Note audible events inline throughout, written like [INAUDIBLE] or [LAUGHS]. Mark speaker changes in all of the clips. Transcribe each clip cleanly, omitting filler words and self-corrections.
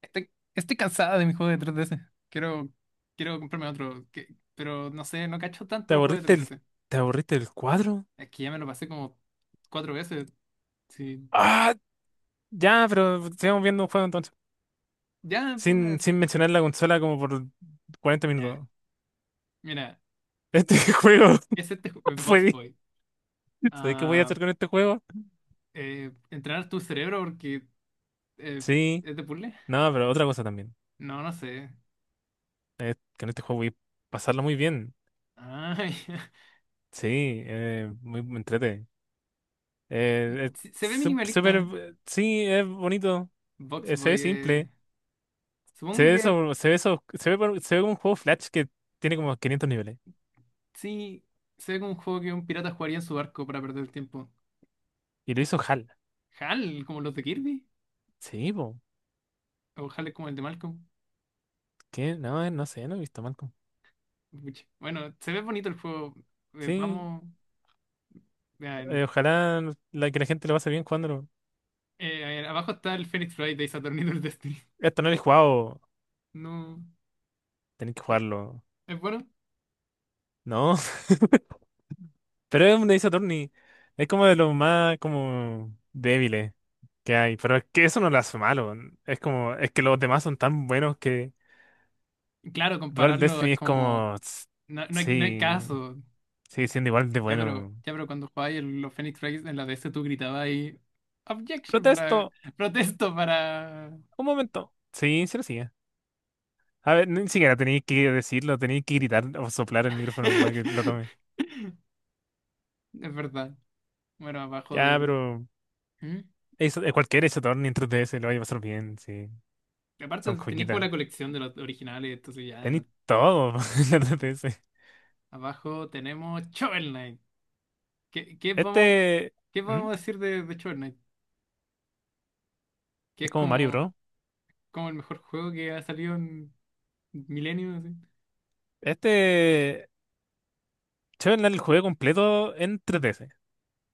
Speaker 1: Estoy, estoy cansada de mi juego de 3DS. Quiero, quiero comprarme otro. Pero no sé, no cacho tanto
Speaker 2: ¿Te
Speaker 1: los juegos
Speaker 2: aburriste
Speaker 1: de
Speaker 2: el,
Speaker 1: 3DS.
Speaker 2: te aburriste el cuadro?
Speaker 1: Es que ya me lo pasé como cuatro veces. Sí.
Speaker 2: Ah, ya, pero sigamos viendo un juego entonces.
Speaker 1: Ya, puta,
Speaker 2: Sin
Speaker 1: sí.
Speaker 2: mencionar la consola como por 40
Speaker 1: Ya.
Speaker 2: minutos.
Speaker 1: Mira,
Speaker 2: Este [LAUGHS] juego
Speaker 1: es Box
Speaker 2: fue.
Speaker 1: Boy.
Speaker 2: ¿Sabes qué voy a
Speaker 1: Ah,
Speaker 2: hacer con este juego?
Speaker 1: entrenar tu cerebro porque eh,
Speaker 2: Sí.
Speaker 1: es de puzzle.
Speaker 2: No, pero otra cosa también.
Speaker 1: No, no sé.
Speaker 2: Es que en este juego voy a pasarlo muy bien.
Speaker 1: Ay, [LAUGHS]
Speaker 2: Sí, muy me entrete.
Speaker 1: se
Speaker 2: Es
Speaker 1: ve
Speaker 2: sú- súper...
Speaker 1: minimalista.
Speaker 2: eh, Sí, es bonito.
Speaker 1: Box
Speaker 2: Se
Speaker 1: Boy.
Speaker 2: ve simple.
Speaker 1: Supongo que
Speaker 2: Se ve como un juego Flash que tiene como 500 niveles.
Speaker 1: sí. Se ve como un juego que un pirata jugaría en su barco para perder el tiempo.
Speaker 2: Y lo hizo HAL.
Speaker 1: Hal, como los de Kirby.
Speaker 2: Sí, po.
Speaker 1: O Hal es como el de Malcolm.
Speaker 2: ¿Qué? No, no sé, no he visto Malcolm.
Speaker 1: Pucha. Bueno, se ve bonito el juego. Eh,
Speaker 2: Sí,
Speaker 1: vamos. Ya,
Speaker 2: ojalá que la gente lo pase bien jugándolo.
Speaker 1: a ver, abajo está el Phoenix Wright de Saturn y del Destiny. [LAUGHS]
Speaker 2: Esto no lo he jugado,
Speaker 1: No.
Speaker 2: tenéis que
Speaker 1: Pero,
Speaker 2: jugarlo.
Speaker 1: ¿es bueno?
Speaker 2: No, [LAUGHS] pero es un Ace Attorney. Es como de los más como débiles que hay. Pero es que eso no lo hace malo. Es como, es que los demás son tan buenos que
Speaker 1: Claro,
Speaker 2: Dual
Speaker 1: compararlo es
Speaker 2: Destiny es
Speaker 1: como.
Speaker 2: como, "Tss,
Speaker 1: No, no hay
Speaker 2: sí,
Speaker 1: caso.
Speaker 2: sigue siendo igual de
Speaker 1: Ya, pero,
Speaker 2: bueno".
Speaker 1: ya, pero cuando jugabas los Phoenix Wright en la DS tú gritabas ahí. Objection para.
Speaker 2: Protesto,
Speaker 1: Protesto para.
Speaker 2: un momento. Sí, sí lo sigue. A ver, ni siquiera tenéis que decirlo, tenéis que gritar o soplar el micrófono para que lo tome.
Speaker 1: [LAUGHS] Es verdad. Bueno, abajo
Speaker 2: Ya,
Speaker 1: del.
Speaker 2: pero
Speaker 1: ¿Mm?
Speaker 2: eso, cualquier Saturn ni en 3DS lo vais a pasar bien, sí.
Speaker 1: Aparte,
Speaker 2: Son
Speaker 1: tenéis como
Speaker 2: joyitas.
Speaker 1: la colección de los originales, entonces ya.
Speaker 2: Tenéis todo [LAUGHS] en la
Speaker 1: Sí.
Speaker 2: 3DS.
Speaker 1: Abajo tenemos Shovel Knight. ¿Qué, qué vamos,
Speaker 2: Este.
Speaker 1: qué
Speaker 2: ¿Mm?
Speaker 1: podemos decir de Shovel Knight? Que
Speaker 2: Es
Speaker 1: es
Speaker 2: como Mario
Speaker 1: como,
Speaker 2: Bros.
Speaker 1: como el mejor juego que ha salido en milenios. Así.
Speaker 2: Este. Yo el juego completo en 3DS.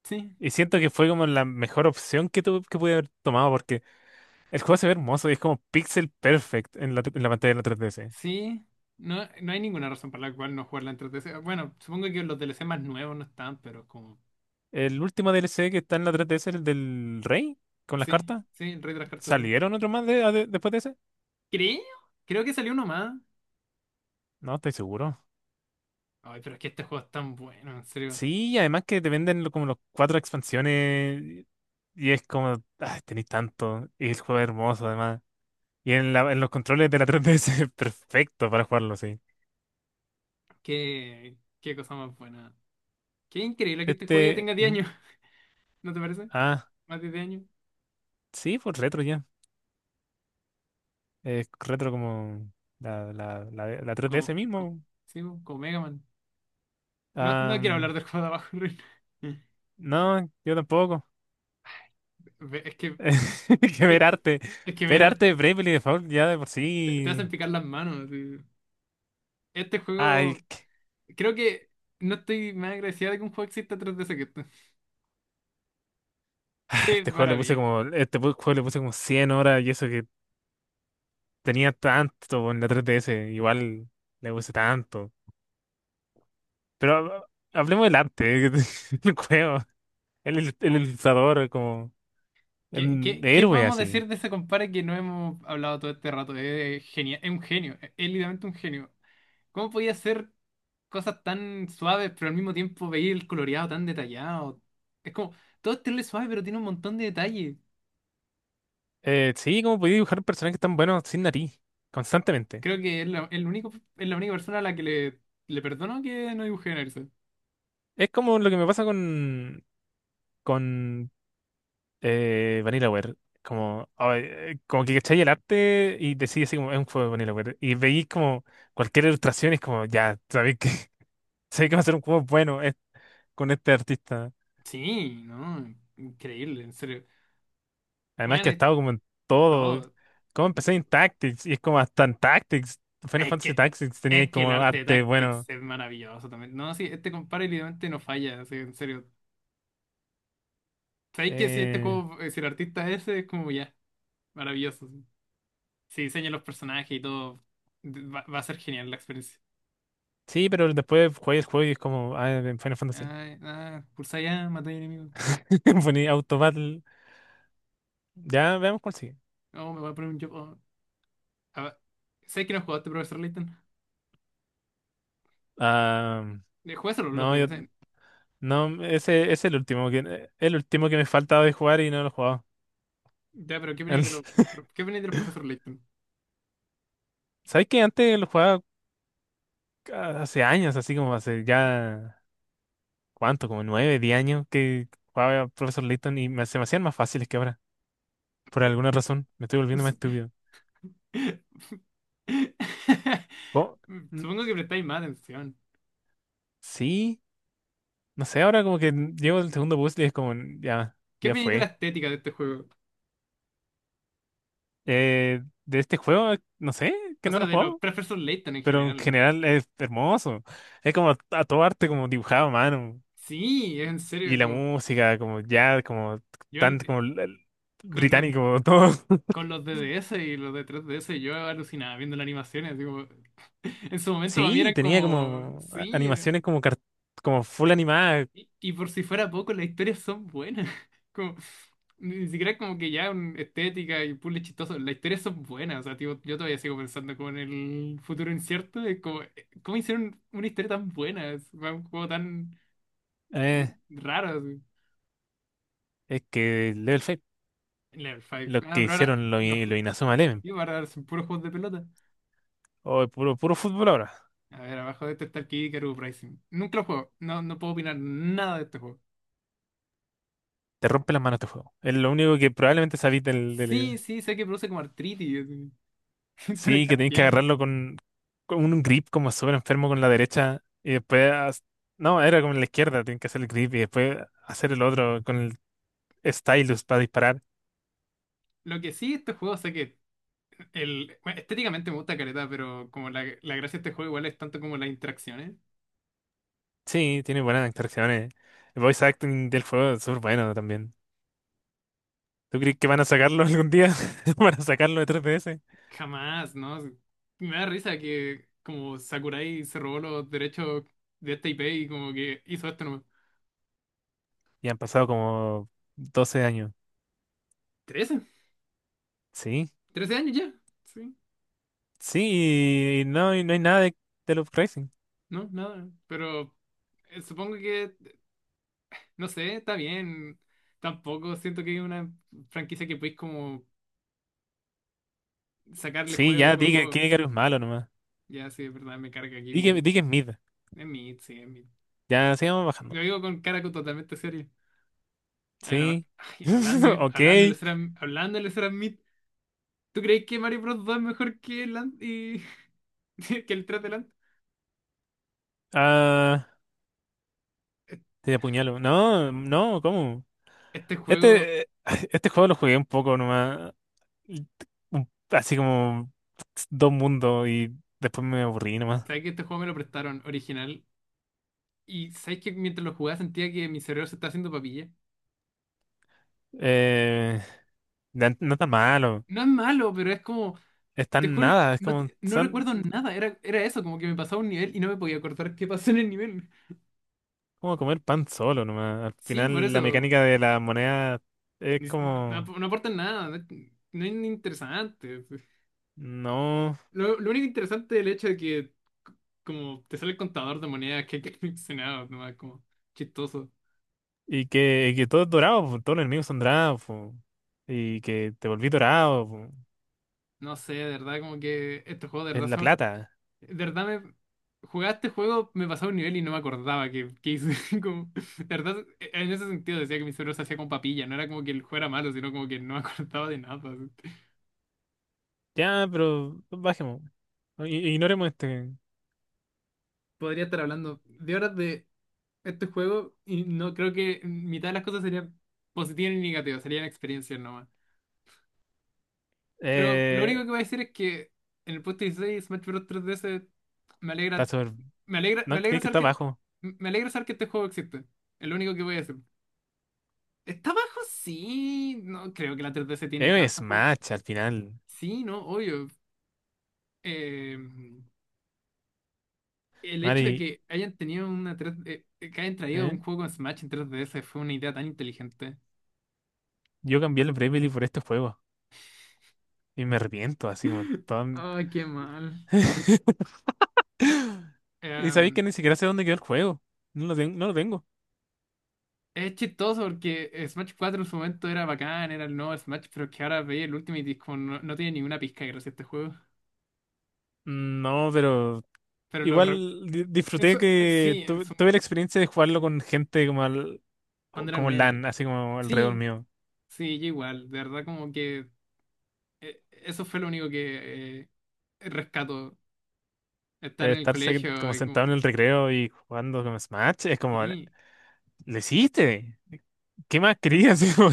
Speaker 1: Sí,
Speaker 2: Y siento que fue como la mejor opción que tuve, que pude haber tomado, porque el juego se ve hermoso y es como pixel perfect en la pantalla de la 3DS.
Speaker 1: sí. No, no hay ninguna razón para la cual no jugarla en 3DS. Bueno, supongo que los DLC más nuevos no están, pero como.
Speaker 2: El último DLC que está en la 3DS, el del Rey, con las
Speaker 1: Sí,
Speaker 2: cartas,
Speaker 1: sí, el Rey de las Cartas, sí.
Speaker 2: ¿salieron otro más después de ese?
Speaker 1: Creo, creo que salió uno más.
Speaker 2: No, estoy seguro.
Speaker 1: Ay, pero es que este juego es tan bueno, en serio.
Speaker 2: Sí, y además que te venden como los cuatro expansiones y es como, ay, tenéis tanto. Y el juego es hermoso además. Y en los controles de la [LAUGHS] 3DS es perfecto para jugarlo, sí.
Speaker 1: Qué cosa más buena. Qué increíble que este juego ya tenga 10
Speaker 2: ¿Mm?
Speaker 1: años, [LAUGHS] ¿no te parece?
Speaker 2: Ah,
Speaker 1: Más de 10 años.
Speaker 2: sí, pues retro ya. Es retro como la 3DS
Speaker 1: Como, co-
Speaker 2: mismo.
Speaker 1: sí, pues, como Mega Man. No,
Speaker 2: Ah,
Speaker 1: no quiero hablar
Speaker 2: mm,
Speaker 1: del juego de abajo, [LAUGHS] Rin.
Speaker 2: no, yo tampoco.
Speaker 1: Ve- Es que,
Speaker 2: [LAUGHS] Que ver
Speaker 1: es que,
Speaker 2: arte.
Speaker 1: es que ver
Speaker 2: Ver arte
Speaker 1: arte-
Speaker 2: de Bravely Default ya de por
Speaker 1: te te hacen
Speaker 2: sí.
Speaker 1: picar las manos. Sí. Este
Speaker 2: Ay,
Speaker 1: juego,
Speaker 2: que-
Speaker 1: creo que no estoy más agradecida de que un juego exista tras de ese que esto. [LAUGHS] Qué
Speaker 2: este juego le puse
Speaker 1: maravilla.
Speaker 2: como, este pu- juego le puse como 100 horas, y eso que tenía tanto en la 3DS, igual le puse tanto. Pero hablemos del arte, [LAUGHS] el juego, el ilustrador, como
Speaker 1: ¿Qué, qué, qué
Speaker 2: héroe
Speaker 1: podemos
Speaker 2: así.
Speaker 1: decir de ese compadre que no hemos hablado todo este rato? Es genial, es un genio, es literalmente un genio. ¿Cómo podía hacer cosas tan suaves, pero al mismo tiempo veía el coloreado tan detallado? Es como, todo es terrible suave, pero tiene un montón de detalles.
Speaker 2: Sí, como podía dibujar personajes tan buenos sin nariz, constantemente.
Speaker 1: Creo que es la única persona a la que le perdono que no dibuje en Erso.
Speaker 2: Es como lo que me pasa con, con VanillaWare. Como, ay, como que cachai el arte y decís así como es un juego de VanillaWare. Y veis como cualquier ilustración y es como, ya, sabéis que, [LAUGHS] sabéis que va a ser un juego bueno con este artista.
Speaker 1: Sí, no, increíble, en serio.
Speaker 2: Además
Speaker 1: Bueno,
Speaker 2: que ha
Speaker 1: es
Speaker 2: estado como en todo.
Speaker 1: todo.
Speaker 2: Como empecé en Tactics, y es como hasta en Tactics. Final
Speaker 1: Es
Speaker 2: Fantasy
Speaker 1: que,
Speaker 2: Tactics tenía
Speaker 1: es que
Speaker 2: como
Speaker 1: el arte de
Speaker 2: arte
Speaker 1: Tactics
Speaker 2: bueno.
Speaker 1: es maravilloso también. No, sí, este compadre literalmente no falla, así, en serio. ¿Sabéis que si este
Speaker 2: eh,
Speaker 1: juego, eh, si el artista es ese, es como ya, maravilloso. Sí. Si diseña los personajes y todo, va a ser genial la experiencia.
Speaker 2: sí, pero después jugué el juego y es como ah, en Final Fantasy.
Speaker 1: Ay, ah, pulsa ya, matar enemigo.
Speaker 2: [LAUGHS] Poní Auto Battle. Ya veamos cuál sigue.
Speaker 1: No, me voy a poner un yo. Oh. Ah, ¿sabes que no jugaste, profesor Layton?
Speaker 2: Ah,
Speaker 1: De jugárselo los
Speaker 2: no,
Speaker 1: de
Speaker 2: yo,
Speaker 1: DSN.
Speaker 2: no, ese es el último que me faltaba de jugar y no lo he jugado.
Speaker 1: Ya, pero ¿qué opináis de
Speaker 2: El-
Speaker 1: los, qué opináis de los profesor Layton?
Speaker 2: ¿Sabes que antes lo jugaba hace años, así como hace ya, ¿cuánto? Como 9, 10 años que jugaba Professor Layton y se me hacían más fáciles que ahora. Por alguna razón, me estoy volviendo más estúpido.
Speaker 1: [LAUGHS]
Speaker 2: ¿Cómo? N-
Speaker 1: Supongo que prestáis más atención.
Speaker 2: Sí, no sé, ahora como que llevo el segundo puzzle y es como, ya,
Speaker 1: ¿Qué
Speaker 2: ya
Speaker 1: opináis de la
Speaker 2: fue.
Speaker 1: estética de este juego?
Speaker 2: De este juego, no sé, que
Speaker 1: O
Speaker 2: no lo
Speaker 1: sea,
Speaker 2: he
Speaker 1: de los
Speaker 2: jugado,
Speaker 1: profesor Layton en
Speaker 2: pero en
Speaker 1: general. O sea.
Speaker 2: general es hermoso. Es como, a todo arte, como dibujado a mano.
Speaker 1: Sí, es en
Speaker 2: Y
Speaker 1: serio,
Speaker 2: la
Speaker 1: como,
Speaker 2: música, como ya, como
Speaker 1: yo
Speaker 2: tan,
Speaker 1: al-
Speaker 2: como
Speaker 1: con los,
Speaker 2: británico, [LAUGHS] todo.
Speaker 1: con los de DS y los de 3DS yo alucinaba viendo las animaciones. Así como- [LAUGHS] en su momento para mí
Speaker 2: Sí,
Speaker 1: eran
Speaker 2: tenía
Speaker 1: como,
Speaker 2: como
Speaker 1: sí.
Speaker 2: animaciones como, como full animadas.
Speaker 1: Y por si fuera poco, las historias son buenas. [LAUGHS] Como, ni siquiera como que ya estética y puzzles chistoso las historias son buenas. O sea, tipo, yo todavía sigo pensando como en el futuro incierto de como, cómo hicieron una historia tan buena, es un juego tan
Speaker 2: eh,
Speaker 1: raro. Así.
Speaker 2: es que Level 5,
Speaker 1: Level 5.
Speaker 2: lo
Speaker 1: Ah,
Speaker 2: que
Speaker 1: pero ahora
Speaker 2: hicieron, lo,
Speaker 1: los
Speaker 2: lo
Speaker 1: ju-
Speaker 2: Inazuma Eleven.
Speaker 1: y ahora son puros juegos de pelota.
Speaker 2: Oh, puro, puro fútbol ahora.
Speaker 1: A ver, abajo de este está el Kid Icarus Uprising. Nunca lo juego, no, no puedo opinar nada de este juego.
Speaker 2: Te rompe las manos este juego. Es lo único que probablemente sabís del,
Speaker 1: Sí,
Speaker 2: del-
Speaker 1: sí, sé que produce como artritis, así. [LAUGHS] Túnel
Speaker 2: Sí, que tenés que
Speaker 1: carpiano.
Speaker 2: agarrarlo con, un grip como súper enfermo con la derecha y después. No, era con la izquierda, tenés que hacer el grip y después hacer el otro con el stylus para disparar.
Speaker 1: Lo que sí, este juego sé que bueno, estéticamente me gusta Careta, pero como la gracia de este juego igual es tanto como las interacciones.
Speaker 2: Sí, tiene buenas interacciones. El voice acting del juego es súper bueno también. ¿Tú crees que van a sacarlo algún día? [LAUGHS] ¿Van a sacarlo de 3DS?
Speaker 1: Jamás, ¿no? Me da risa que como Sakurai se robó los derechos de esta IP y como que hizo esto nomás.
Speaker 2: Y han pasado como 12 años.
Speaker 1: 13
Speaker 2: Sí,
Speaker 1: 13 años ya? Sí,
Speaker 2: sí, y no hay nada de, Love.
Speaker 1: no, nada. Pero supongo que, no sé, está bien. Tampoco siento que es una franquicia que podéis como sacarle
Speaker 2: Sí,
Speaker 1: juego y
Speaker 2: ya,
Speaker 1: juego,
Speaker 2: di que,
Speaker 1: juego.
Speaker 2: que Icarus es malo nomás.
Speaker 1: Ya, sí, es verdad, me carga aquí,
Speaker 2: Di que,
Speaker 1: Vicaru.
Speaker 2: di que es mid.
Speaker 1: Es mid, sí, es mid.
Speaker 2: Ya, sigamos
Speaker 1: Lo
Speaker 2: bajando.
Speaker 1: digo con cara totalmente seria. Pero,
Speaker 2: Sí,
Speaker 1: ay,
Speaker 2: [LAUGHS]
Speaker 1: hablando,
Speaker 2: ok.
Speaker 1: hablando del SRAM, hablando del SRAM Meet, ¿tú crees que Mario Bros 2 es mejor que el, an- y- [LAUGHS] que el 3 de Land?
Speaker 2: Ah,
Speaker 1: E-
Speaker 2: te apuñalo. No, no, ¿cómo?
Speaker 1: Este juego,
Speaker 2: Este, [SIGHS] eh, [LAUGHS] este juego lo jugué un poco nomás. Así como dos mundos y después me aburrí nomás.
Speaker 1: ¿sabes que este juego me lo prestaron original? Y ¿sabes que mientras lo jugaba sentía que mi cerebro se estaba haciendo papilla?
Speaker 2: Eh, no está malo.
Speaker 1: No es malo, pero es como,
Speaker 2: Es
Speaker 1: te
Speaker 2: tan
Speaker 1: juro, que
Speaker 2: nada, es
Speaker 1: no,
Speaker 2: como,
Speaker 1: no recuerdo nada, era eso, como que me pasaba un nivel y no me podía acordar qué pasó en el nivel.
Speaker 2: como comer pan solo nomás. Al
Speaker 1: Sí, por
Speaker 2: final la
Speaker 1: eso,
Speaker 2: mecánica de la moneda es
Speaker 1: si, no,
Speaker 2: como.
Speaker 1: no aporta nada, no es interesante.
Speaker 2: No.
Speaker 1: Lo único interesante del hecho de que c- como te sale el contador de monedas que hay coleccionado, nomás [LAUGHS] como chistoso.
Speaker 2: Y que todo es dorado, po, todos los enemigos son dorados, po, y que te volví dorado, po,
Speaker 1: No sé, de verdad, como que estos juegos de
Speaker 2: es
Speaker 1: verdad
Speaker 2: la
Speaker 1: son...
Speaker 2: plata.
Speaker 1: De verdad me... Jugaba este juego, me pasaba un nivel y no me acordaba que hice. [LAUGHS] Como, de verdad, en ese sentido decía que mi cerebro se hacía con papilla. No era como que el juego era malo, sino como que no me [LAUGHS] acordaba de nada.
Speaker 2: Ya, pero bajemos. No, ignoremos este.
Speaker 1: Podría estar hablando de horas de este juego y no creo que mitad de las cosas serían positivas ni negativas, serían experiencias nomás. Pero lo único
Speaker 2: Eh,
Speaker 1: que voy a decir es que en el puesto 16 Smash Bros. 3DS me
Speaker 2: Está
Speaker 1: alegra,
Speaker 2: sobre.
Speaker 1: me alegra, me
Speaker 2: No, tiene
Speaker 1: alegra
Speaker 2: que
Speaker 1: saber
Speaker 2: estar
Speaker 1: que,
Speaker 2: abajo.
Speaker 1: me alegra saber que este juego existe. Es lo único que voy a decir. ¿Está bajo? Sí, no creo que la 3DS tiene
Speaker 2: Es
Speaker 1: tantos
Speaker 2: un
Speaker 1: juegos.
Speaker 2: Smash al final.
Speaker 1: Sí, no, obvio. Eh, el hecho de
Speaker 2: Mari,
Speaker 1: que hayan tenido una 3 que hayan traído
Speaker 2: ¿eh?
Speaker 1: un juego con Smash en 3DS fue una idea tan inteligente.
Speaker 2: Yo cambié el Bravely por este juego. Y me arrepiento, así como todo.
Speaker 1: [LAUGHS] Ay, qué mal.
Speaker 2: [LAUGHS] Y sabéis que ni siquiera sé dónde quedó el juego. No lo tengo, no lo tengo.
Speaker 1: Es chistoso porque Smash 4 en su momento era bacán, era el nuevo Smash, pero es que ahora veía el Ultimate y es como no, no tiene ninguna pizca gracias a este juego.
Speaker 2: No, pero
Speaker 1: Pero
Speaker 2: igual disfruté
Speaker 1: eso,
Speaker 2: que
Speaker 1: sí,
Speaker 2: tuve la experiencia de jugarlo con gente como al-
Speaker 1: cuando era
Speaker 2: como
Speaker 1: nuevo.
Speaker 2: LAN, así como alrededor
Speaker 1: Sí,
Speaker 2: mío.
Speaker 1: sí, yo igual. De verdad como que eso fue lo único que rescato. Estar en el
Speaker 2: Estar como
Speaker 1: colegio y
Speaker 2: sentado en
Speaker 1: como,
Speaker 2: el recreo y jugando con Smash es como,
Speaker 1: sí.
Speaker 2: ¿lo hiciste? ¿Qué más querías? [LAUGHS] Así como,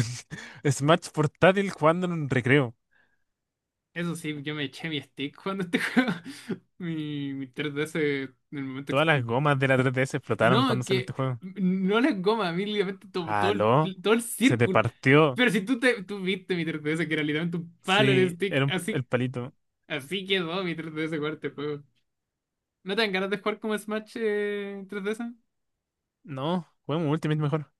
Speaker 2: Smash portátil jugando en un recreo.
Speaker 1: Eso sí, yo me eché mi stick cuando este [LAUGHS] juego. Mi 3DS en el momento
Speaker 2: Todas las
Speaker 1: expl-
Speaker 2: gomas de la 3DS explotaron cuando
Speaker 1: no,
Speaker 2: salió este
Speaker 1: que
Speaker 2: juego.
Speaker 1: no la goma, a mí, literalmente todo, todo el,
Speaker 2: ¿Aló?
Speaker 1: pl- todo el
Speaker 2: Se te
Speaker 1: círculo.
Speaker 2: partió.
Speaker 1: Pero si tú viste mi 3DS, que era literalmente un palo el
Speaker 2: Sí,
Speaker 1: stick,
Speaker 2: era el
Speaker 1: así,
Speaker 2: palito.
Speaker 1: así quedó mi 3DS jugar este juego. ¿No te dan ganas de jugar como Smash 3DS?
Speaker 2: No, juguemos Ultimate mejor.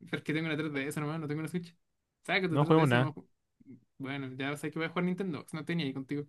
Speaker 1: Pero es que tengo una 3DS nomás, no tengo una Switch. Saca tu
Speaker 2: No juego
Speaker 1: 3DS, vamos
Speaker 2: nada.
Speaker 1: a ju- Bueno, ya sabes que voy a jugar Nintendo, no tenía ahí contigo.